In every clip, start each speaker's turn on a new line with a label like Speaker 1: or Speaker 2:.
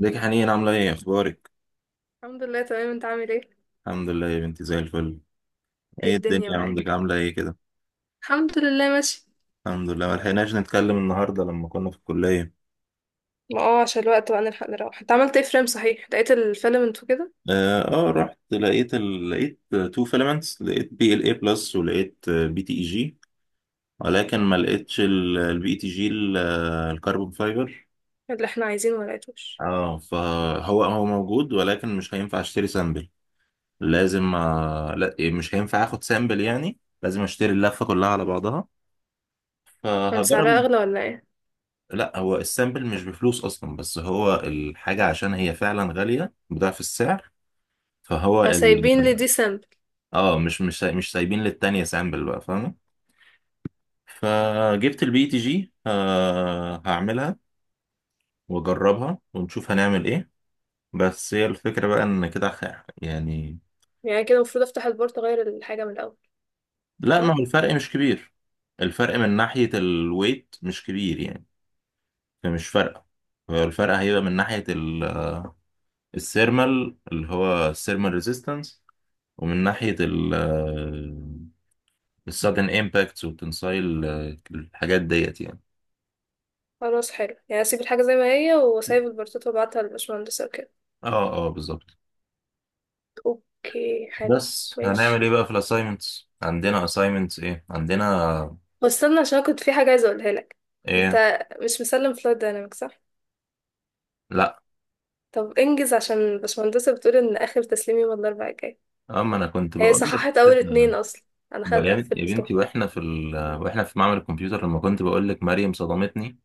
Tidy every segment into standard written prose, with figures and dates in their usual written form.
Speaker 1: ازيك يا حنين عاملة ايه اخبارك؟
Speaker 2: الحمد لله تمام، انت عامل ايه؟
Speaker 1: الحمد لله يا بنتي زي الفل.
Speaker 2: ايه
Speaker 1: ايه
Speaker 2: الدنيا
Speaker 1: الدنيا عندك
Speaker 2: معاك؟
Speaker 1: عاملة ايه كده؟
Speaker 2: الحمد لله ماشي.
Speaker 1: الحمد لله ملحقناش نتكلم النهاردة لما كنا في الكلية.
Speaker 2: ما اه عشان الوقت بقى نلحق نروح. انت عملت ايه؟ فريم، صحيح؟ لقيت الفيلم انتو كده؟
Speaker 1: رحت لقيت تو فيلمنتس، لقيت بي ال اي بلس ولقيت بي تي اي جي، ولكن ما لقيتش البي تي جي الكربون فايبر.
Speaker 2: اللي احنا عايزينه ما لقيتوش؟
Speaker 1: اه فهو هو موجود ولكن مش هينفع اشتري سامبل. لازم لا، مش هينفع اخد سامبل، يعني لازم اشتري اللفة كلها على بعضها،
Speaker 2: كان سعرها
Speaker 1: فهجرب.
Speaker 2: اغلى ولا ايه؟
Speaker 1: لا، هو السامبل مش بفلوس اصلا، بس هو الحاجه عشان هي فعلا غاليه بضعف السعر، فهو
Speaker 2: فسايبين لي دي سامبل؟
Speaker 1: اه مش سايبين للتانية سامبل بقى، فاهمه. فجبت البي تي جي، هعملها واجربها ونشوف هنعمل ايه. بس هي الفكره بقى ان كده يعني،
Speaker 2: يعني كده المفروض افتح البورت اغير الحاجه من الاول.
Speaker 1: لا، ما هو
Speaker 2: صح.
Speaker 1: الفرق مش كبير. الفرق من ناحيه الويت مش كبير يعني، فمش فارقه. هو الفرق هيبقى من ناحيه السيرمال، اللي هو السيرمال ريزيستنس، ومن ناحية ال السادن امباكتس والتنسايل، الحاجات ديت يعني.
Speaker 2: خلاص، حلو. يعني اسيب الحاجه زي ما هي واسيب البورتات وابعتها للبشمهندس وكده.
Speaker 1: اه بالظبط.
Speaker 2: اوكي، حلو.
Speaker 1: بس هنعمل
Speaker 2: ماشي.
Speaker 1: ايه بقى، في الاساينمنتس عندنا اساينمنتس ايه عندنا؟
Speaker 2: بس استنى عشان كنت في حاجه عايزه اقولها لك.
Speaker 1: ايه؟
Speaker 2: انت مش مسلم فلايت دايناميك، صح؟
Speaker 1: لا،
Speaker 2: طب انجز عشان البشمهندسة بتقول ان اخر تسليم يوم الاربعاء الجاي.
Speaker 1: اما انا كنت
Speaker 2: هي
Speaker 1: بقول لك
Speaker 2: صححت اول
Speaker 1: كده.
Speaker 2: اتنين اصلا. انا
Speaker 1: يا بنتي،
Speaker 2: قفلتهم.
Speaker 1: واحنا في واحنا في معمل الكمبيوتر لما كنت بقول لك مريم صدمتني،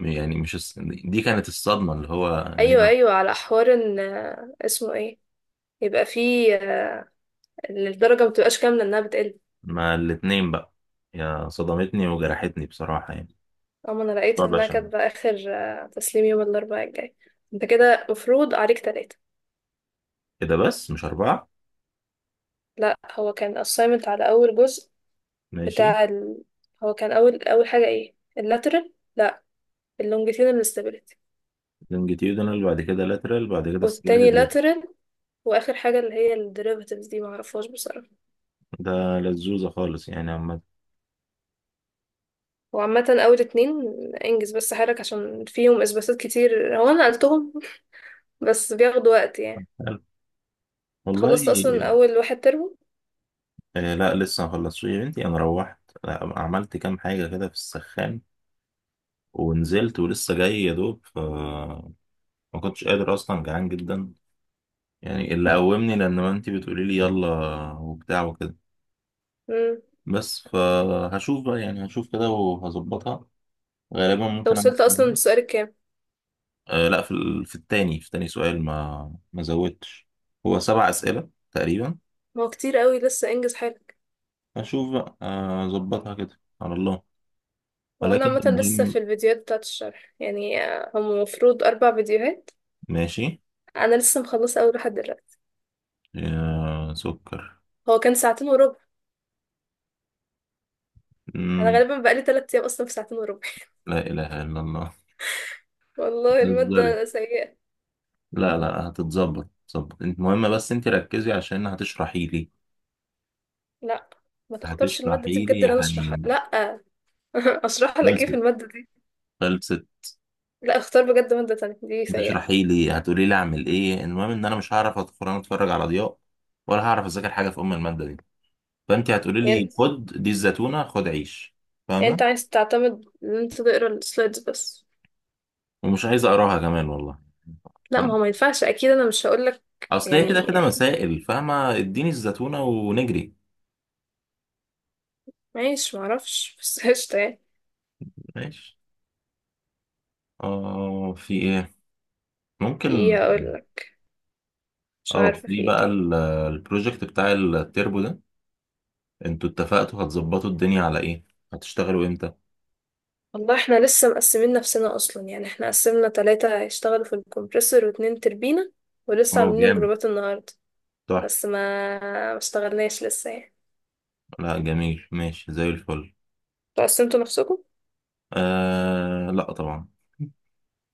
Speaker 1: يعني مش دي كانت الصدمة، اللي هو ان هي
Speaker 2: ايوه ايوه، على حوار ان اسمه ايه، يبقى فيه، ان الدرجه ما بتبقاش كامله، انها بتقل.
Speaker 1: ما الاتنين بقى، يا صدمتني وجرحتني بصراحة يعني.
Speaker 2: اما انا لقيت
Speaker 1: طب
Speaker 2: انها
Speaker 1: عشان
Speaker 2: كاتبه اخر تسليم يوم الاربعاء الجاي. انت كده مفروض عليك تلاتة.
Speaker 1: كده، بس مش أربعة.
Speaker 2: لا، هو كان assignment على اول جزء.
Speaker 1: ماشي.
Speaker 2: بتاع ال... هو كان اول، اول حاجه ايه؟ اللاترال، لا، اللونجيتيودينال stability.
Speaker 1: لونجيتيودنال، بعد كده لاترال، بعد كده
Speaker 2: والتاني
Speaker 1: ستريلاتد ريجن.
Speaker 2: lateral. واخر حاجه اللي هي الديريفاتيفز دي معرفهاش بصراحه.
Speaker 1: ده لزوزة خالص يعني عامة.
Speaker 2: وعامة أول اتنين انجز بس حالك عشان فيهم إثباتات كتير. هو أنا نقلتهم بس بياخدوا وقت يعني.
Speaker 1: حلو. والله،
Speaker 2: خلصت أصلا أول واحد ترم.
Speaker 1: لا، لسه ما خلصتش يا بنتي، انا روحت، عملت كام حاجة كده في السخان، ونزلت ولسه جاي يا دوب، ف ما كنتش قادر اصلا، جعان جدا يعني، اللي قومني لان ما انتي بتقولي لي يلا وبتاع وكده.
Speaker 2: مم.
Speaker 1: بس فهشوف بقى يعني، هشوف كده وهظبطها، غالبا
Speaker 2: أنت
Speaker 1: ممكن اعمل
Speaker 2: وصلت أصلا
Speaker 1: كمية.
Speaker 2: للسؤال الكام؟
Speaker 1: لا، في في التاني في تاني سؤال، ما زودتش. هو سبع أسئلة تقريبا.
Speaker 2: ما هو كتير قوي، لسه انجز حالك.
Speaker 1: أشوف بقى، أظبطها كده على الله.
Speaker 2: وأنا
Speaker 1: ولكن
Speaker 2: عامة لسه في
Speaker 1: المهم،
Speaker 2: الفيديوهات بتاعة الشرح يعني هم المفروض 4 فيديوهات.
Speaker 1: ماشي.
Speaker 2: أنا لسه مخلصة أول واحد دلوقتي.
Speaker 1: يا سكر.
Speaker 2: هو كان 2:15. أنا
Speaker 1: مم.
Speaker 2: غالبا بقالي 3 أيام أصلا في 2:15.
Speaker 1: لا إله إلا الله.
Speaker 2: والله
Speaker 1: بتهزري؟
Speaker 2: المادة سيئة.
Speaker 1: لا، تظبط، انت مهمة، بس انت ركزي عشان هتشرحي لي.
Speaker 2: لأ، ما تختارش المادة دي
Speaker 1: هتشرحي
Speaker 2: بجد،
Speaker 1: لي يا
Speaker 2: اللي أنا أشرحها
Speaker 1: حنين.
Speaker 2: لأ. أشرح لك
Speaker 1: خلصت،
Speaker 2: إيه في المادة؟
Speaker 1: خلصت.
Speaker 2: لا، اختار بجد مادة تانية، دي سيئة.
Speaker 1: هتشرحي لي، هتقولي لي اعمل ايه، المهم ان انا مش هعرف ادخل، انا اتفرج على ضياء، ولا هعرف اذاكر حاجة في ام المادة دي، فانت هتقولي لي
Speaker 2: يعني،
Speaker 1: خد دي الزيتونه خد عيش،
Speaker 2: يعني انت
Speaker 1: فاهمه.
Speaker 2: عايز تعتمد ان انت تقرا السلايدز بس؟
Speaker 1: ومش عايز اقراها كمان والله.
Speaker 2: لا، ما هو
Speaker 1: فاهم.
Speaker 2: ما ينفعش اكيد، انا مش هقولك
Speaker 1: اصل هي كده
Speaker 2: يعني.
Speaker 1: كده مسائل، فاهمه، اديني الزيتونه ونجري.
Speaker 2: ماشي، معرفش بس. قشطة يعني.
Speaker 1: ماشي. اه في ايه،
Speaker 2: في
Speaker 1: ممكن،
Speaker 2: ايه هقولك؟ مش
Speaker 1: اه
Speaker 2: عارفة
Speaker 1: في
Speaker 2: في ايه
Speaker 1: بقى
Speaker 2: تاني.
Speaker 1: البروجكت بتاع التربو ده، انتوا اتفقتوا هتظبطوا الدنيا على ايه؟ هتشتغلوا امتى؟
Speaker 2: والله احنا لسه مقسمين نفسنا اصلا يعني، احنا قسمنا 3 هيشتغلوا في الكمبريسور واتنين تربينة. ولسه
Speaker 1: اه
Speaker 2: عاملين
Speaker 1: جامد،
Speaker 2: جروبات النهاردة.
Speaker 1: تحفه.
Speaker 2: بس ما اشتغلناش لسه يعني.
Speaker 1: لا، جميل، ماشي زي الفل.
Speaker 2: انتوا قسمتوا نفسكم؟
Speaker 1: لا، طبعا.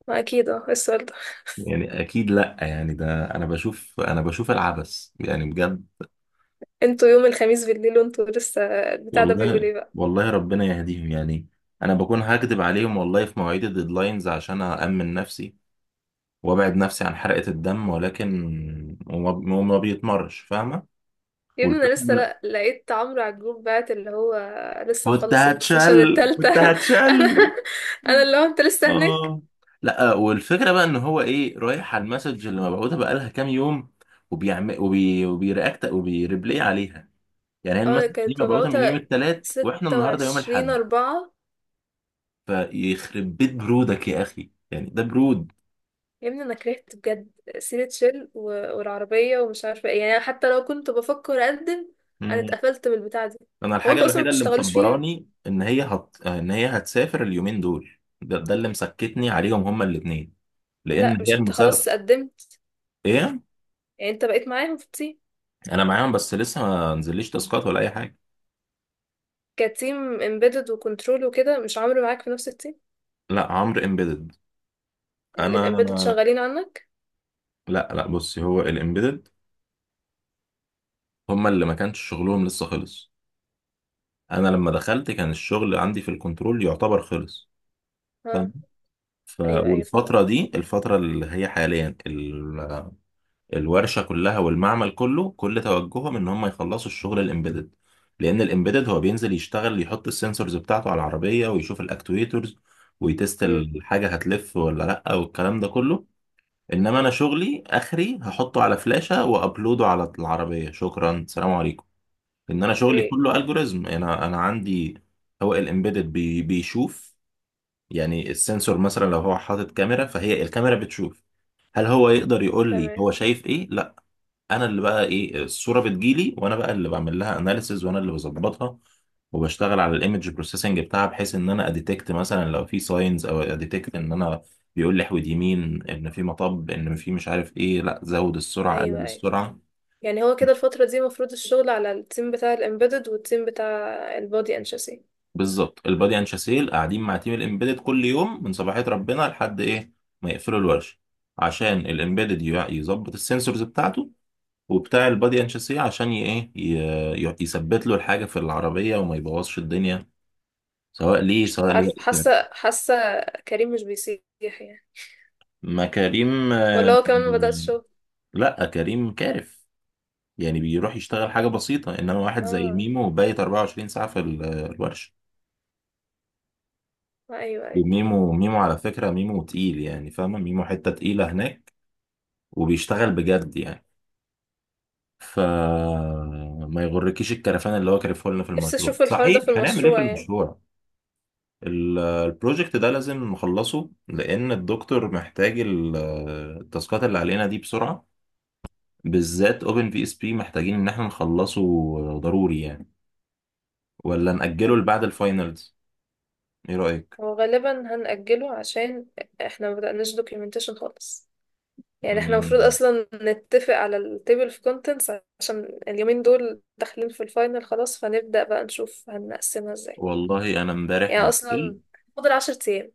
Speaker 2: ما اكيد اه، إيه السؤال ده؟
Speaker 1: يعني اكيد، لا يعني ده انا بشوف العبث يعني بجد.
Speaker 2: انتوا يوم الخميس بالليل وانتوا لسه، البتاع ده بيقول
Speaker 1: والله
Speaker 2: ايه بقى.
Speaker 1: والله ربنا يهديهم يعني، انا بكون هكدب عليهم والله في مواعيد الديدلاينز عشان أأمن نفسي وابعد نفسي عن حرقة الدم، ولكن وما وما بيتمرش، فاهمة.
Speaker 2: يا ابني
Speaker 1: والفكرة
Speaker 2: انا لسه لقيت عمرو على الجروب بعت اللي هو لسه مخلص السيشن التالتة.
Speaker 1: كنت
Speaker 2: انا
Speaker 1: هتشل.
Speaker 2: انا اللي هو انت لسه هناك.
Speaker 1: اه لا، والفكرة بقى ان هو ايه، رايح على المسج اللي مبعوثة بقالها كام يوم، وبيعمل وبيرياكت وبيريبلاي عليها. يعني هي
Speaker 2: اه
Speaker 1: المسج دي
Speaker 2: كانت
Speaker 1: مبعوثة من يوم
Speaker 2: مبعوثة
Speaker 1: الثلاث واحنا
Speaker 2: ستة
Speaker 1: النهارده يوم
Speaker 2: وعشرين
Speaker 1: الاحد،
Speaker 2: أربعة
Speaker 1: فيخرب بيت برودك يا اخي، يعني ده برود.
Speaker 2: يا ابني انا كرهت بجد سيرة شيل و... والعربية ومش عارفة ايه يعني. أنا حتى لو كنت بفكر اقدم انا
Speaker 1: مم.
Speaker 2: اتقفلت بالبتاعة دي.
Speaker 1: انا
Speaker 2: هو
Speaker 1: الحاجه
Speaker 2: انتوا اصلا ما
Speaker 1: الوحيده اللي
Speaker 2: بتشتغلوش فيها؟
Speaker 1: مصبراني ان هي ان هي هتسافر اليومين دول. ده اللي مسكتني عليهم، هما الاثنين،
Speaker 2: لا،
Speaker 1: لان هي
Speaker 2: مش انت
Speaker 1: المسابقه.
Speaker 2: خلاص قدمت؟
Speaker 1: ايه؟
Speaker 2: يعني انت بقيت معاهم في التيم؟
Speaker 1: انا معاهم، بس لسه ما نزليش تاسكات ولا اي حاجه.
Speaker 2: كتيم امبيدد وكنترول وكده، مش عمرو معاك في نفس التيم؟
Speaker 1: لا، عمرو امبيدد.
Speaker 2: الامبيدد
Speaker 1: انا
Speaker 2: شغالين عنك؟
Speaker 1: لا بصي، هو الامبيدد هما اللي ما كانش شغلهم لسه خلص. انا لما دخلت كان الشغل عندي في الكنترول يعتبر خلص،
Speaker 2: آه.
Speaker 1: فاهم.
Speaker 2: ايوه ايوه، فاهمة.
Speaker 1: والفتره دي، الفتره اللي هي حاليا، الورشه كلها والمعمل كله كل توجههم ان هم يخلصوا الشغل الامبيدد، لان الامبيدد هو بينزل يشتغل، يحط السنسورز بتاعته على العربيه ويشوف الاكتويترز، ويتست
Speaker 2: امم.
Speaker 1: الحاجه هتلف ولا لا، والكلام ده كله. انما انا شغلي اخري، هحطه على فلاشه وابلوده على العربيه، شكرا، سلام عليكم. ان انا شغلي
Speaker 2: ايه؟
Speaker 1: كله الجوريزم، انا عندي. هو الامبيدد بيشوف، يعني السنسور مثلا لو هو حاطط كاميرا، فهي الكاميرا بتشوف. هل هو يقدر يقول لي
Speaker 2: تمام.
Speaker 1: هو شايف ايه؟ لا. انا اللي بقى ايه، الصوره بتجيلي، وانا بقى اللي بعمل لها اناليسز، وانا اللي بظبطها وبشتغل على الايمج بروسيسنج بتاعها، بحيث ان انا اديتكت مثلا لو في ساينز، او اديتكت ان انا بيقول لي احود يمين، ان في مطب، ان في مش عارف ايه، لا زود السرعه،
Speaker 2: ايوه
Speaker 1: قلل
Speaker 2: ايوه،
Speaker 1: السرعه.
Speaker 2: يعني هو كده الفترة دي المفروض الشغل على التيم بتاع الامبيدد والتيم بتاع البودي انشاسي.
Speaker 1: بالظبط، البادي اند شاسيل قاعدين مع تيم الامبيدد كل يوم من صباحيه ربنا لحد ايه ما يقفلوا الورشه، عشان الامبيدد يظبط السنسورز بتاعته، وبتاع البادي اند شاسيه عشان يثبت له الحاجه في العربيه وما يبوظش الدنيا، سواء ليه سواء
Speaker 2: عارف،
Speaker 1: لوائل كمان.
Speaker 2: حاسة حاسة. كريم مش بيسيح يعني،
Speaker 1: ما كريم،
Speaker 2: ولا هو كمان ما بدأش شغل؟
Speaker 1: لا كريم كارف، يعني بيروح يشتغل حاجة بسيطة، انما واحد زي
Speaker 2: اه.
Speaker 1: ميمو بايت 24 ساعة في الورشة.
Speaker 2: ايوه ايوه.
Speaker 1: وميمو ميمو على فكرة، ميمو تقيل يعني، فاهمة، ميمو حتة تقيلة هناك، وبيشتغل بجد يعني، فما يغركيش الكرفان اللي هو كرفه لنا في
Speaker 2: نفسي
Speaker 1: المشروع.
Speaker 2: اشوف الحوار ده في
Speaker 1: صحيح، هنعمل ايه في
Speaker 2: المشروع يعني.
Speaker 1: المشروع؟ البروجكت ده لازم نخلصه، لان الدكتور محتاج التاسكات اللي علينا دي بسرعة، بالذات اوبن في اس بي محتاجين ان احنا نخلصه، ضروري يعني، ولا نأجله لبعد الفاينلز؟ ايه رأيك؟
Speaker 2: هو غالبا هنأجله عشان احنا ما بدأناش دوكيومنتيشن خالص. يعني احنا المفروض
Speaker 1: مم.
Speaker 2: اصلا نتفق على التيبل اوف كونتنتس عشان اليومين دول داخلين في الفاينل خلاص، فنبدأ بقى نشوف هنقسمها ازاي.
Speaker 1: والله انا امبارح
Speaker 2: يعني
Speaker 1: بالليل،
Speaker 2: اصلا فاضل 10 ايام.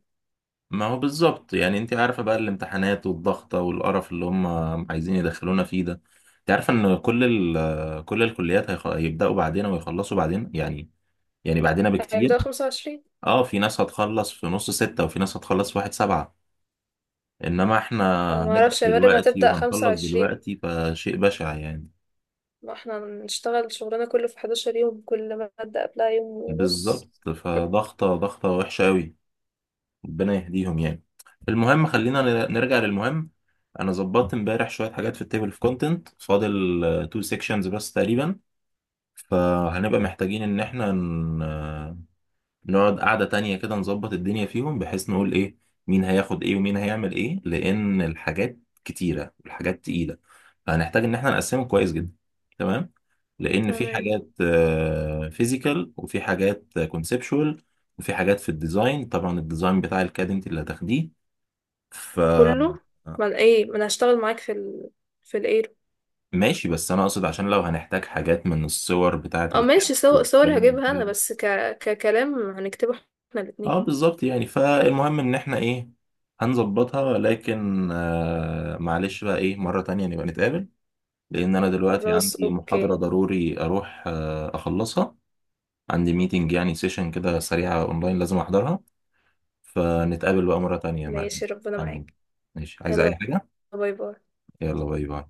Speaker 1: ما هو بالظبط يعني، انت عارفة بقى الامتحانات والضغطة والقرف اللي هم عايزين يدخلونا فيه ده. انت عارفة ان كل كل الكليات هيبدأوا بعدين ويخلصوا بعدين يعني، يعني بعدنا بكتير.
Speaker 2: هيبدأوا 25.
Speaker 1: اه في ناس هتخلص في نص ستة، وفي ناس هتخلص في واحد سبعة، انما احنا
Speaker 2: انا
Speaker 1: هنبدأ
Speaker 2: معرفش يا مريم،
Speaker 1: دلوقتي
Speaker 2: هتبدأ خمسة
Speaker 1: وهنخلص
Speaker 2: وعشرين
Speaker 1: دلوقتي، فشيء بشع يعني.
Speaker 2: ما احنا هنشتغل شغلنا كله في 11 يوم، كل مادة قبلها يوم ونص.
Speaker 1: بالظبط، فضغطة ضغطة وحشة أوي، ربنا يهديهم يعني. المهم، خلينا نرجع للمهم. أنا ظبطت امبارح شوية حاجات في التيبل في كونتنت، فاضل تو سيكشنز بس تقريبا، فهنبقى محتاجين إن احنا نقعد قعدة تانية كده، نظبط الدنيا فيهم بحيث نقول ايه، مين هياخد ايه ومين هيعمل ايه، لان الحاجات كتيرة والحاجات تقيلة، فهنحتاج ان احنا نقسمه كويس جدا. تمام. لان في
Speaker 2: تمام.
Speaker 1: حاجات فيزيكال، وفي حاجات كونسبشوال، وفي حاجات في الديزاين، طبعا الديزاين بتاع الكاد انت اللي هتاخديه، ف
Speaker 2: كله. ما أنا ايه، ما انا هشتغل معاك في ال... في الايرو.
Speaker 1: ماشي. بس انا اقصد عشان لو هنحتاج حاجات من الصور بتاعة
Speaker 2: اه
Speaker 1: الكاد
Speaker 2: ماشي، صور صور
Speaker 1: والكلام
Speaker 2: هجيبها
Speaker 1: ده.
Speaker 2: انا بس ك... ككلام هنكتبه احنا الاتنين.
Speaker 1: اه بالظبط، يعني فالمهم ان احنا ايه، هنظبطها، لكن معلش بقى ايه، مرة تانية نبقى نتقابل، لان انا دلوقتي
Speaker 2: خلاص
Speaker 1: عندي محاضرة
Speaker 2: اوكي.
Speaker 1: ضروري اروح اخلصها، عندي ميتنج يعني، سيشن كده سريعة اونلاين، لازم احضرها، فنتقابل بقى مرة تانية يا مريم.
Speaker 2: ماشي ربنا
Speaker 1: تمام.
Speaker 2: معاك.
Speaker 1: ماشي، عايز اي
Speaker 2: يلا
Speaker 1: حاجة؟
Speaker 2: باي باي.
Speaker 1: يلا باي باي.